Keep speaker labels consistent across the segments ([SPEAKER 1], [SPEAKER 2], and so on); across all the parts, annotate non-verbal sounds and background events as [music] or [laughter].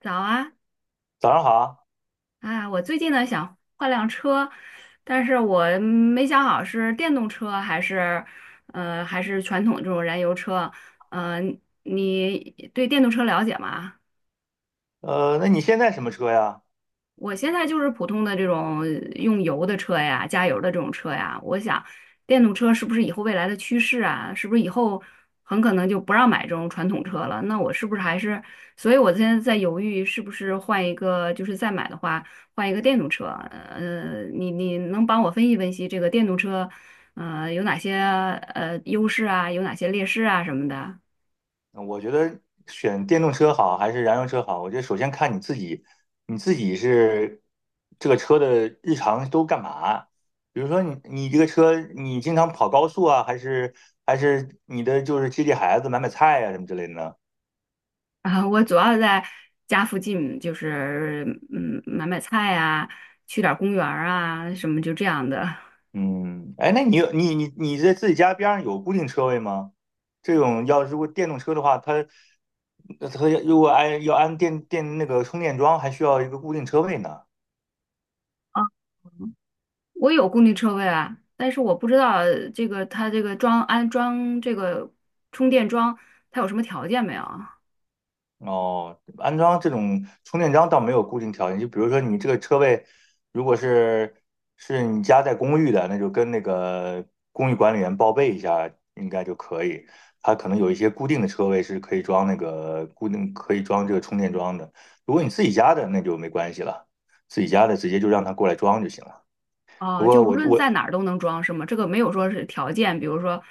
[SPEAKER 1] 早啊。
[SPEAKER 2] 早上好啊。
[SPEAKER 1] 我最近呢想换辆车，但是我没想好是电动车还是，还是传统这种燃油车。呃，你对电动车了解吗？
[SPEAKER 2] 那你现在什么车呀？
[SPEAKER 1] 我现在就是普通的这种用油的车呀，加油的这种车呀。我想，电动车是不是以后未来的趋势啊？是不是以后很可能就不让买这种传统车了？那我是不是还是……所以我现在在犹豫，是不是换一个，就是再买的话，换一个电动车。你能帮我分析分析这个电动车，有哪些优势啊，有哪些劣势啊什么的？
[SPEAKER 2] 我觉得选电动车好还是燃油车好？我觉得首先看你自己，你自己是这个车的日常都干嘛？比如说你这个车，你经常跑高速啊，还是你的就是接孩子、买菜呀、什么之类的呢？
[SPEAKER 1] 啊，我主要在家附近，就是买买菜啊，去点儿公园儿啊，什么就这样的。
[SPEAKER 2] 嗯，哎，那你有你你你在自己家边上有固定车位吗？这种要如果电动车的话，它如果要安那个充电桩，还需要一个固定车位呢。
[SPEAKER 1] 啊，[laughs] 我有固定车位啊，但是我不知道这个它这个安装这个充电桩，它有什么条件没有？
[SPEAKER 2] 哦，安装这种充电桩倒没有固定条件，就比如说你这个车位，如果是你家在公寓的，那就跟那个公寓管理员报备一下，应该就可以。它可能有一些固定的车位是可以装那个固定可以装这个充电桩的。如果你自己家的，那就没关系了，自己家的直接就让他过来装就行了。不
[SPEAKER 1] 哦，就
[SPEAKER 2] 过
[SPEAKER 1] 无
[SPEAKER 2] 我
[SPEAKER 1] 论
[SPEAKER 2] 我
[SPEAKER 1] 在哪儿都能装是吗？这个没有说是条件，比如说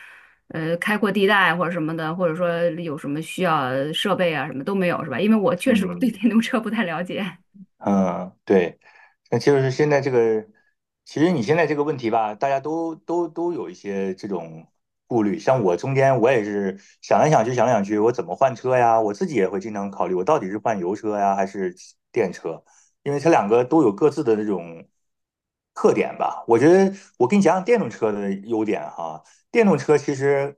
[SPEAKER 1] 开阔地带或者什么的，或者说有什么需要设备啊什么都没有是吧？因为我确实对
[SPEAKER 2] 嗯，
[SPEAKER 1] 电动车不太了解。
[SPEAKER 2] 嗯，对，那就是现在这个，其实你现在这个问题吧，大家都有一些这种顾虑。像我中间我也是想来想去，想来想去，我怎么换车呀？我自己也会经常考虑，我到底是换油车呀，还是电车？因为它两个都有各自的这种特点吧。我觉得我给你讲讲电动车的优点哈。电动车其实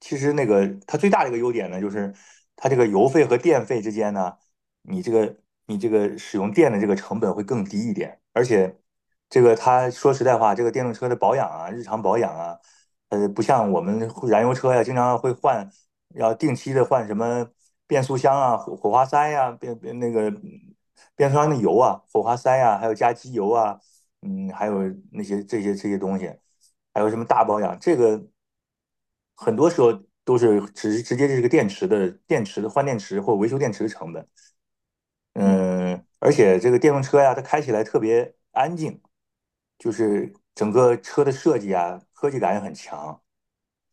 [SPEAKER 2] 其实那个它最大的一个优点呢，就是它这个油费和电费之间呢。你这个你这个使用电的这个成本会更低一点，而且这个他说实在话，这个电动车的保养啊，日常保养啊，不像我们燃油车呀、经常会换，要定期的换什么变速箱啊、火花塞呀、那个变速箱的油啊、火花塞呀，还有加机油啊，嗯，还有那些这些这些东西，还有什么大保养，这个很多时候都是直接就是个电池的电池的换电池或维修电池的成本。嗯，而且这个电动车呀，它开起来特别安静，就是整个车的设计啊，科技感也很强。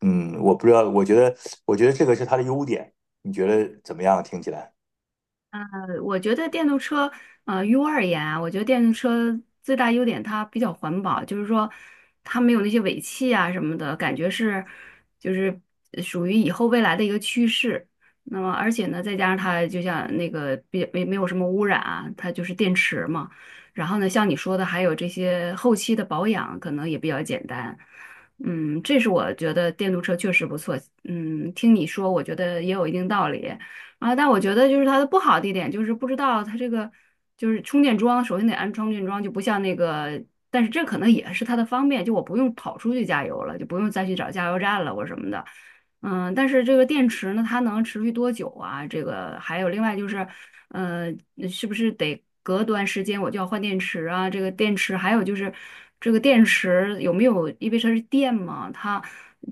[SPEAKER 2] 嗯，我不知道，我觉得这个是它的优点。你觉得怎么样？听起来？
[SPEAKER 1] 我觉得电动车，于我而言啊，我觉得电动车最大优点它比较环保，就是说它没有那些尾气啊什么的，感觉是就是属于以后未来的一个趋势。那么而且呢，再加上它就像那个别没没有什么污染啊，它就是电池嘛。然后呢，像你说的，还有这些后期的保养可能也比较简单。嗯，这是我觉得电动车确实不错。嗯，听你说，我觉得也有一定道理。啊，但我觉得就是它的不好的一点就是不知道它这个就是充电桩，首先得安充电桩，就不像那个，但是这可能也是它的方便，就我不用跑出去加油了，就不用再去找加油站了或什么的。嗯，但是这个电池呢，它能持续多久啊？这个还有另外就是，呃，是不是得隔段时间我就要换电池啊？这个电池还有就是，这个电池有没有，因为它是电嘛，它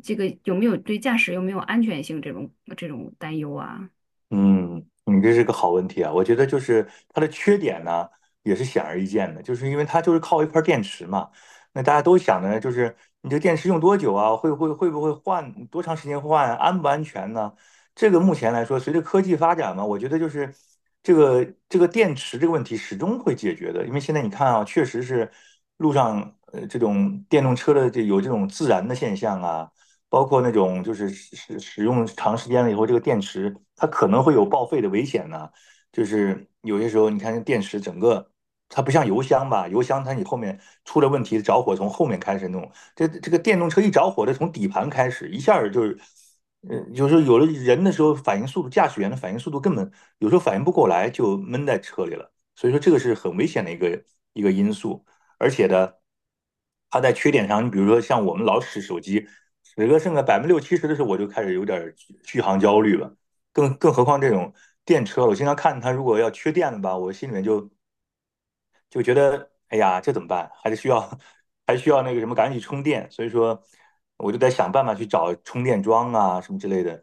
[SPEAKER 1] 这个有没有对驾驶有没有安全性这种担忧啊？
[SPEAKER 2] 嗯，你这是个好问题啊！我觉得就是它的缺点呢，也是显而易见的，就是因为它就是靠一块电池嘛。那大家都想的呢，就是你这电池用多久啊？会不会换？多长时间换啊安不安全呢？这个目前来说，随着科技发展嘛，我觉得就是这个这个电池这个问题始终会解决的。因为现在你看啊，确实是路上这种电动车的这有这种自燃的现象啊。包括那种就是使用长时间了以后，这个电池它可能会有报废的危险呢。就是有些时候，你看这电池整个它不像油箱吧，油箱它你后面出了问题，着火从后面开始弄。这个电动车一着火，它从底盘开始，一下儿就是，有时候有了人的时候，反应速度，驾驶员的反应速度根本有时候反应不过来，就闷在车里了。所以说这个是很危险的一个因素，而且呢，它在缺点上，你比如说像我们老使手机。十个剩个60%~70%的时候，我就开始有点续航焦虑了。更何况这种电车，我经常看它如果要缺电了吧，我心里面就觉得哎呀，这怎么办？还是需要 [laughs] 还需要那个什么，赶紧充电。所以说，我就在想办法去找充电桩啊什么之类的。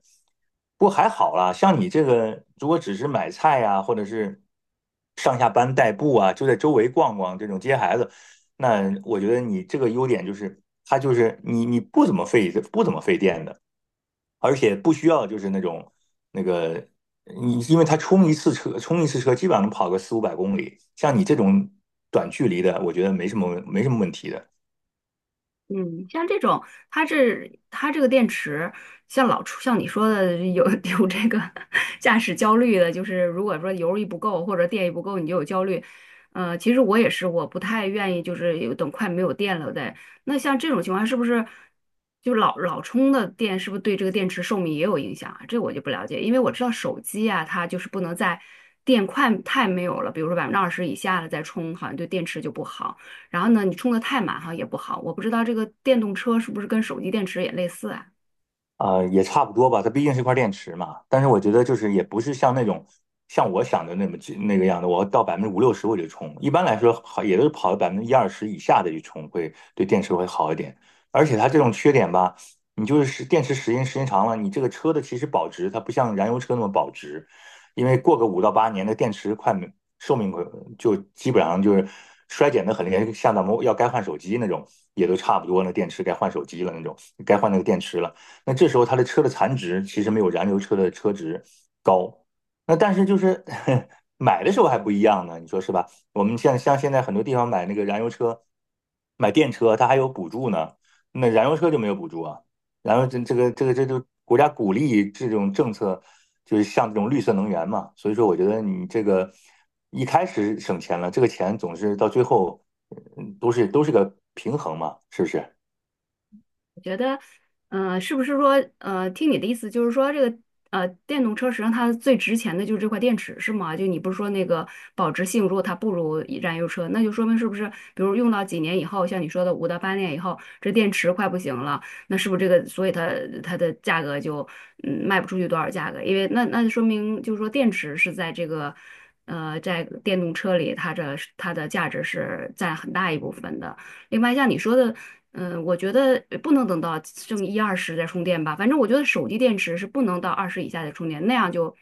[SPEAKER 2] 不过还好啦，像你这个，如果只是买菜啊，或者是上下班代步啊，就在周围逛逛这种接孩子，那我觉得你这个优点就是，它就是你不怎么费电的。而且不需要就是那种那个你，因为他充一次车基本上能跑个400~500公里，像你这种短距离的，我觉得没什么问题的。
[SPEAKER 1] 嗯，像这种，它这个电池，像老出像你说的有 [laughs] 有这个驾驶焦虑的，就是如果说油一不够或者电一不够，你就有焦虑。其实我也是，我不太愿意就是有等快没有电了再。那像这种情况，是不是就老充的电，是不是对这个电池寿命也有影响啊？这我就不了解，因为我知道手机啊，它就是不能在电快太没有了，比如说20%以下了再充，好像对电池就不好。然后呢，你充的太满哈也不好。我不知道这个电动车是不是跟手机电池也类似啊？
[SPEAKER 2] 啊、也差不多吧，它毕竟是一块电池嘛。但是我觉得就是也不是像那种像我想的那么那个样的，我到50%~60%我就充。一般来说，好也都是跑到10%~20%以下的去充会，对电池会好一点。而且它这种缺点吧，你就是电池时间长了，你这个车的其实保值它不像燃油车那么保值，因为过个五到八年的电池快没寿命快就基本上就是衰减的很厉害，像咱们要该换手机那种也都差不多那电池该换手机了那种，该换那个电池了。那这时候它的车的残值其实没有燃油车的车值高。那但是就是 [laughs] 买的时候还不一样呢，你说是吧？我们像现在很多地方买那个燃油车、买电车，它还有补助呢。那燃油车就没有补助啊。然后这就国家鼓励这种政策，就是像这种绿色能源嘛。所以说，我觉得你这个一开始省钱了，这个钱总是到最后，嗯都是个平衡嘛，是不是？
[SPEAKER 1] 我觉得，是不是说，听你的意思就是说，这个电动车实际上它最值钱的就是这块电池，是吗？就你不是说那个保值性，如果它不如燃油车，那就说明是不是，比如用到几年以后，像你说的5到8年以后，这电池快不行了，那是不是这个，所以它的价格就卖不出去多少价格？因为那就说明就是说电池是在这个。在电动车里，它的价值是占很大一部分的。另外，像你说的，嗯，我觉得不能等到剩一二十再充电吧。反正我觉得手机电池是不能到二十以下再充电，那样就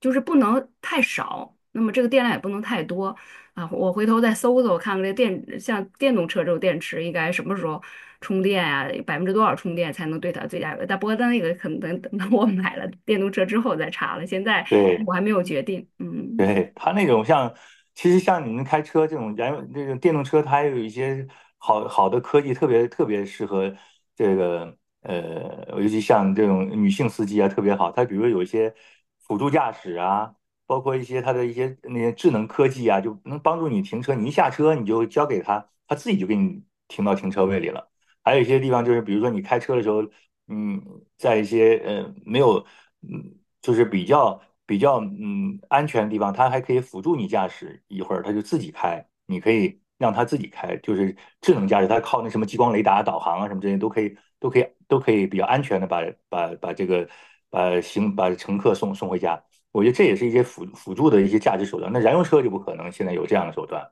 [SPEAKER 1] 就是不能太少，那么这个电量也不能太多啊。我回头再搜搜看看这电，像电动车这种电池应该什么时候充电啊？百分之多少充电才能对它最大有？但不过那个可能等到我买了电动车之后再查了，现在
[SPEAKER 2] 对，
[SPEAKER 1] 我还没有决定。嗯。
[SPEAKER 2] 对，它那种像，其实像你们开车这种燃油这种电动车，它还有一些好好的科技，特别特别适合这个尤其像这种女性司机啊，特别好。它比如有一些辅助驾驶啊，包括一些它的一些那些智能科技啊，就能帮助你停车。你一下车，你就交给它，它自己就给你停到停车位里了。还有一些地方就是，比如说你开车的时候。嗯，在一些没有嗯，就是比较安全的地方，它还可以辅助你驾驶，一会儿它就自己开，你可以让它自己开，就是智能驾驶，它靠那什么激光雷达导航啊什么这些都可以比较安全的把把把这个把乘客送回家。我觉得这也是一些辅助的一些驾驶手段。那燃油车就不可能现在有这样的手段，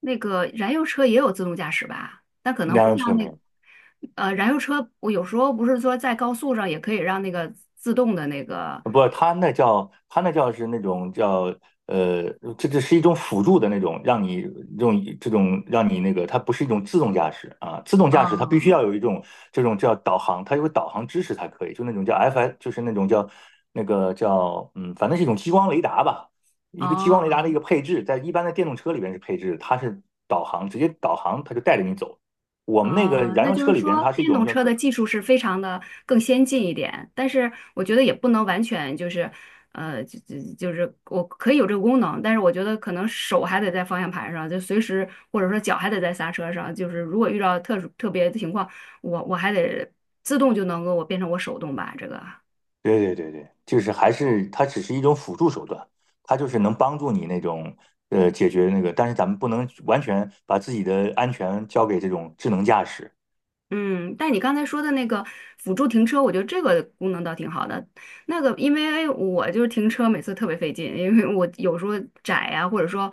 [SPEAKER 1] 那个燃油车也有自动驾驶吧？但可能
[SPEAKER 2] 燃
[SPEAKER 1] 不
[SPEAKER 2] 油
[SPEAKER 1] 像
[SPEAKER 2] 车没
[SPEAKER 1] 那，
[SPEAKER 2] 有。
[SPEAKER 1] 燃油车，我有时候不是说在高速上也可以让那个自动的那个，
[SPEAKER 2] 不，它那叫它那叫是那种叫呃，这是一种辅助的那种，让你用这种让你那个，它不是一种自动驾驶啊。自动驾驶它必须
[SPEAKER 1] 哦
[SPEAKER 2] 要有一种这种叫导航，它有导航支持才可以，就那种叫 FS,就是那种叫那个叫嗯，反正是一种激光雷达吧，一个激光雷达的一
[SPEAKER 1] 哦，
[SPEAKER 2] 个配置，在一般的电动车里边是配置它是导航，直接导航它就带着你走。我们那个
[SPEAKER 1] 啊，
[SPEAKER 2] 燃
[SPEAKER 1] 那
[SPEAKER 2] 油
[SPEAKER 1] 就
[SPEAKER 2] 车
[SPEAKER 1] 是
[SPEAKER 2] 里边，
[SPEAKER 1] 说，
[SPEAKER 2] 它是一
[SPEAKER 1] 电
[SPEAKER 2] 种
[SPEAKER 1] 动
[SPEAKER 2] 叫
[SPEAKER 1] 车的技术是非常的更先进一点，但是我觉得也不能完全就是，就是我可以有这个功能，但是我觉得可能手还得在方向盘上，就随时或者说脚还得在刹车上，就是如果遇到特殊特别的情况，我还得自动就能够我变成我手动吧，这个。
[SPEAKER 2] 对对对对，就是还是它只是一种辅助手段，它就是能帮助你那种解决那个，但是咱们不能完全把自己的安全交给这种智能驾驶。
[SPEAKER 1] 嗯，但你刚才说的那个辅助停车，我觉得这个功能倒挺好的。那个，因为我就是停车每次特别费劲，因为我有时候窄呀、或者说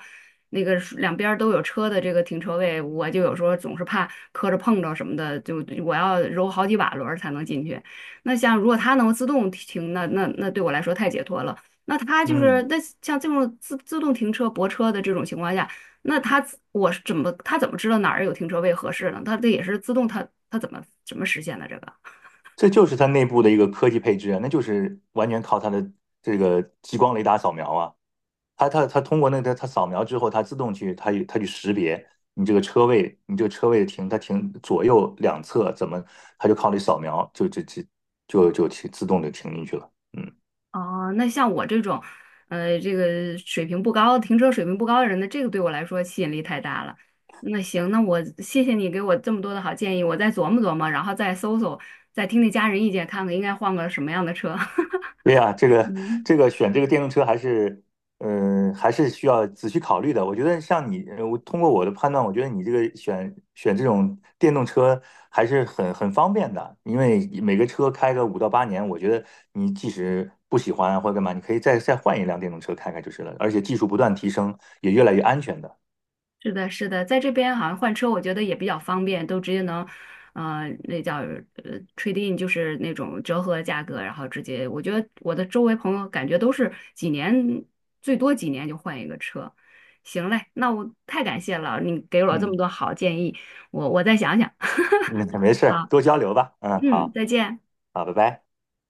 [SPEAKER 1] 那个是两边儿都有车的这个停车位，我就有时候总是怕磕着碰着什么的，就我要揉好几把轮儿才能进去。那像如果它能自动停，那对我来说太解脱了。那它就是
[SPEAKER 2] 嗯，
[SPEAKER 1] 那像这种自动停车泊车的这种情况下。那我是怎么他怎么知道哪儿有停车位合适呢？他这也是自动他怎么实现的这个？
[SPEAKER 2] 这就是它内部的一个科技配置啊，那就是完全靠它的这个激光雷达扫描啊，它通过那个它扫描之后，它自动去它它去识别你这个车位，你这个车位停它停左右两侧怎么，它就靠你扫描就停自动就停进去了。嗯。
[SPEAKER 1] 哦，那像我这种，这个水平不高、停车水平不高的人呢，这个对我来说吸引力太大了。那行，那我谢谢你给我这么多的好建议，我再琢磨琢磨，然后再搜搜，再听听家人意见，看看应该换个什么样的车。[laughs]
[SPEAKER 2] 对呀，这个
[SPEAKER 1] 嗯。
[SPEAKER 2] 这个选这个电动车还是，嗯、还是需要仔细考虑的。我觉得像你，我通过我的判断，我觉得你这个选这种电动车还是很方便的，因为每个车开个五到八年，我觉得你即使不喜欢或者干嘛，你可以再换一辆电动车开开就是了。而且技术不断提升，也越来越安全的。
[SPEAKER 1] 是的，是的，在这边好像换车，我觉得也比较方便，都直接能，那叫trading 就是那种折合价格，然后直接，我觉得我的周围朋友感觉都是几年，最多几年就换一个车。行嘞，那我太感谢了，你给了我这么
[SPEAKER 2] 嗯，
[SPEAKER 1] 多好建议，我再想想。
[SPEAKER 2] [laughs] 嗯，没事
[SPEAKER 1] [laughs]
[SPEAKER 2] 儿
[SPEAKER 1] 好，
[SPEAKER 2] 多交流吧。嗯，
[SPEAKER 1] 嗯，
[SPEAKER 2] 好，
[SPEAKER 1] 再见。
[SPEAKER 2] 好，拜拜。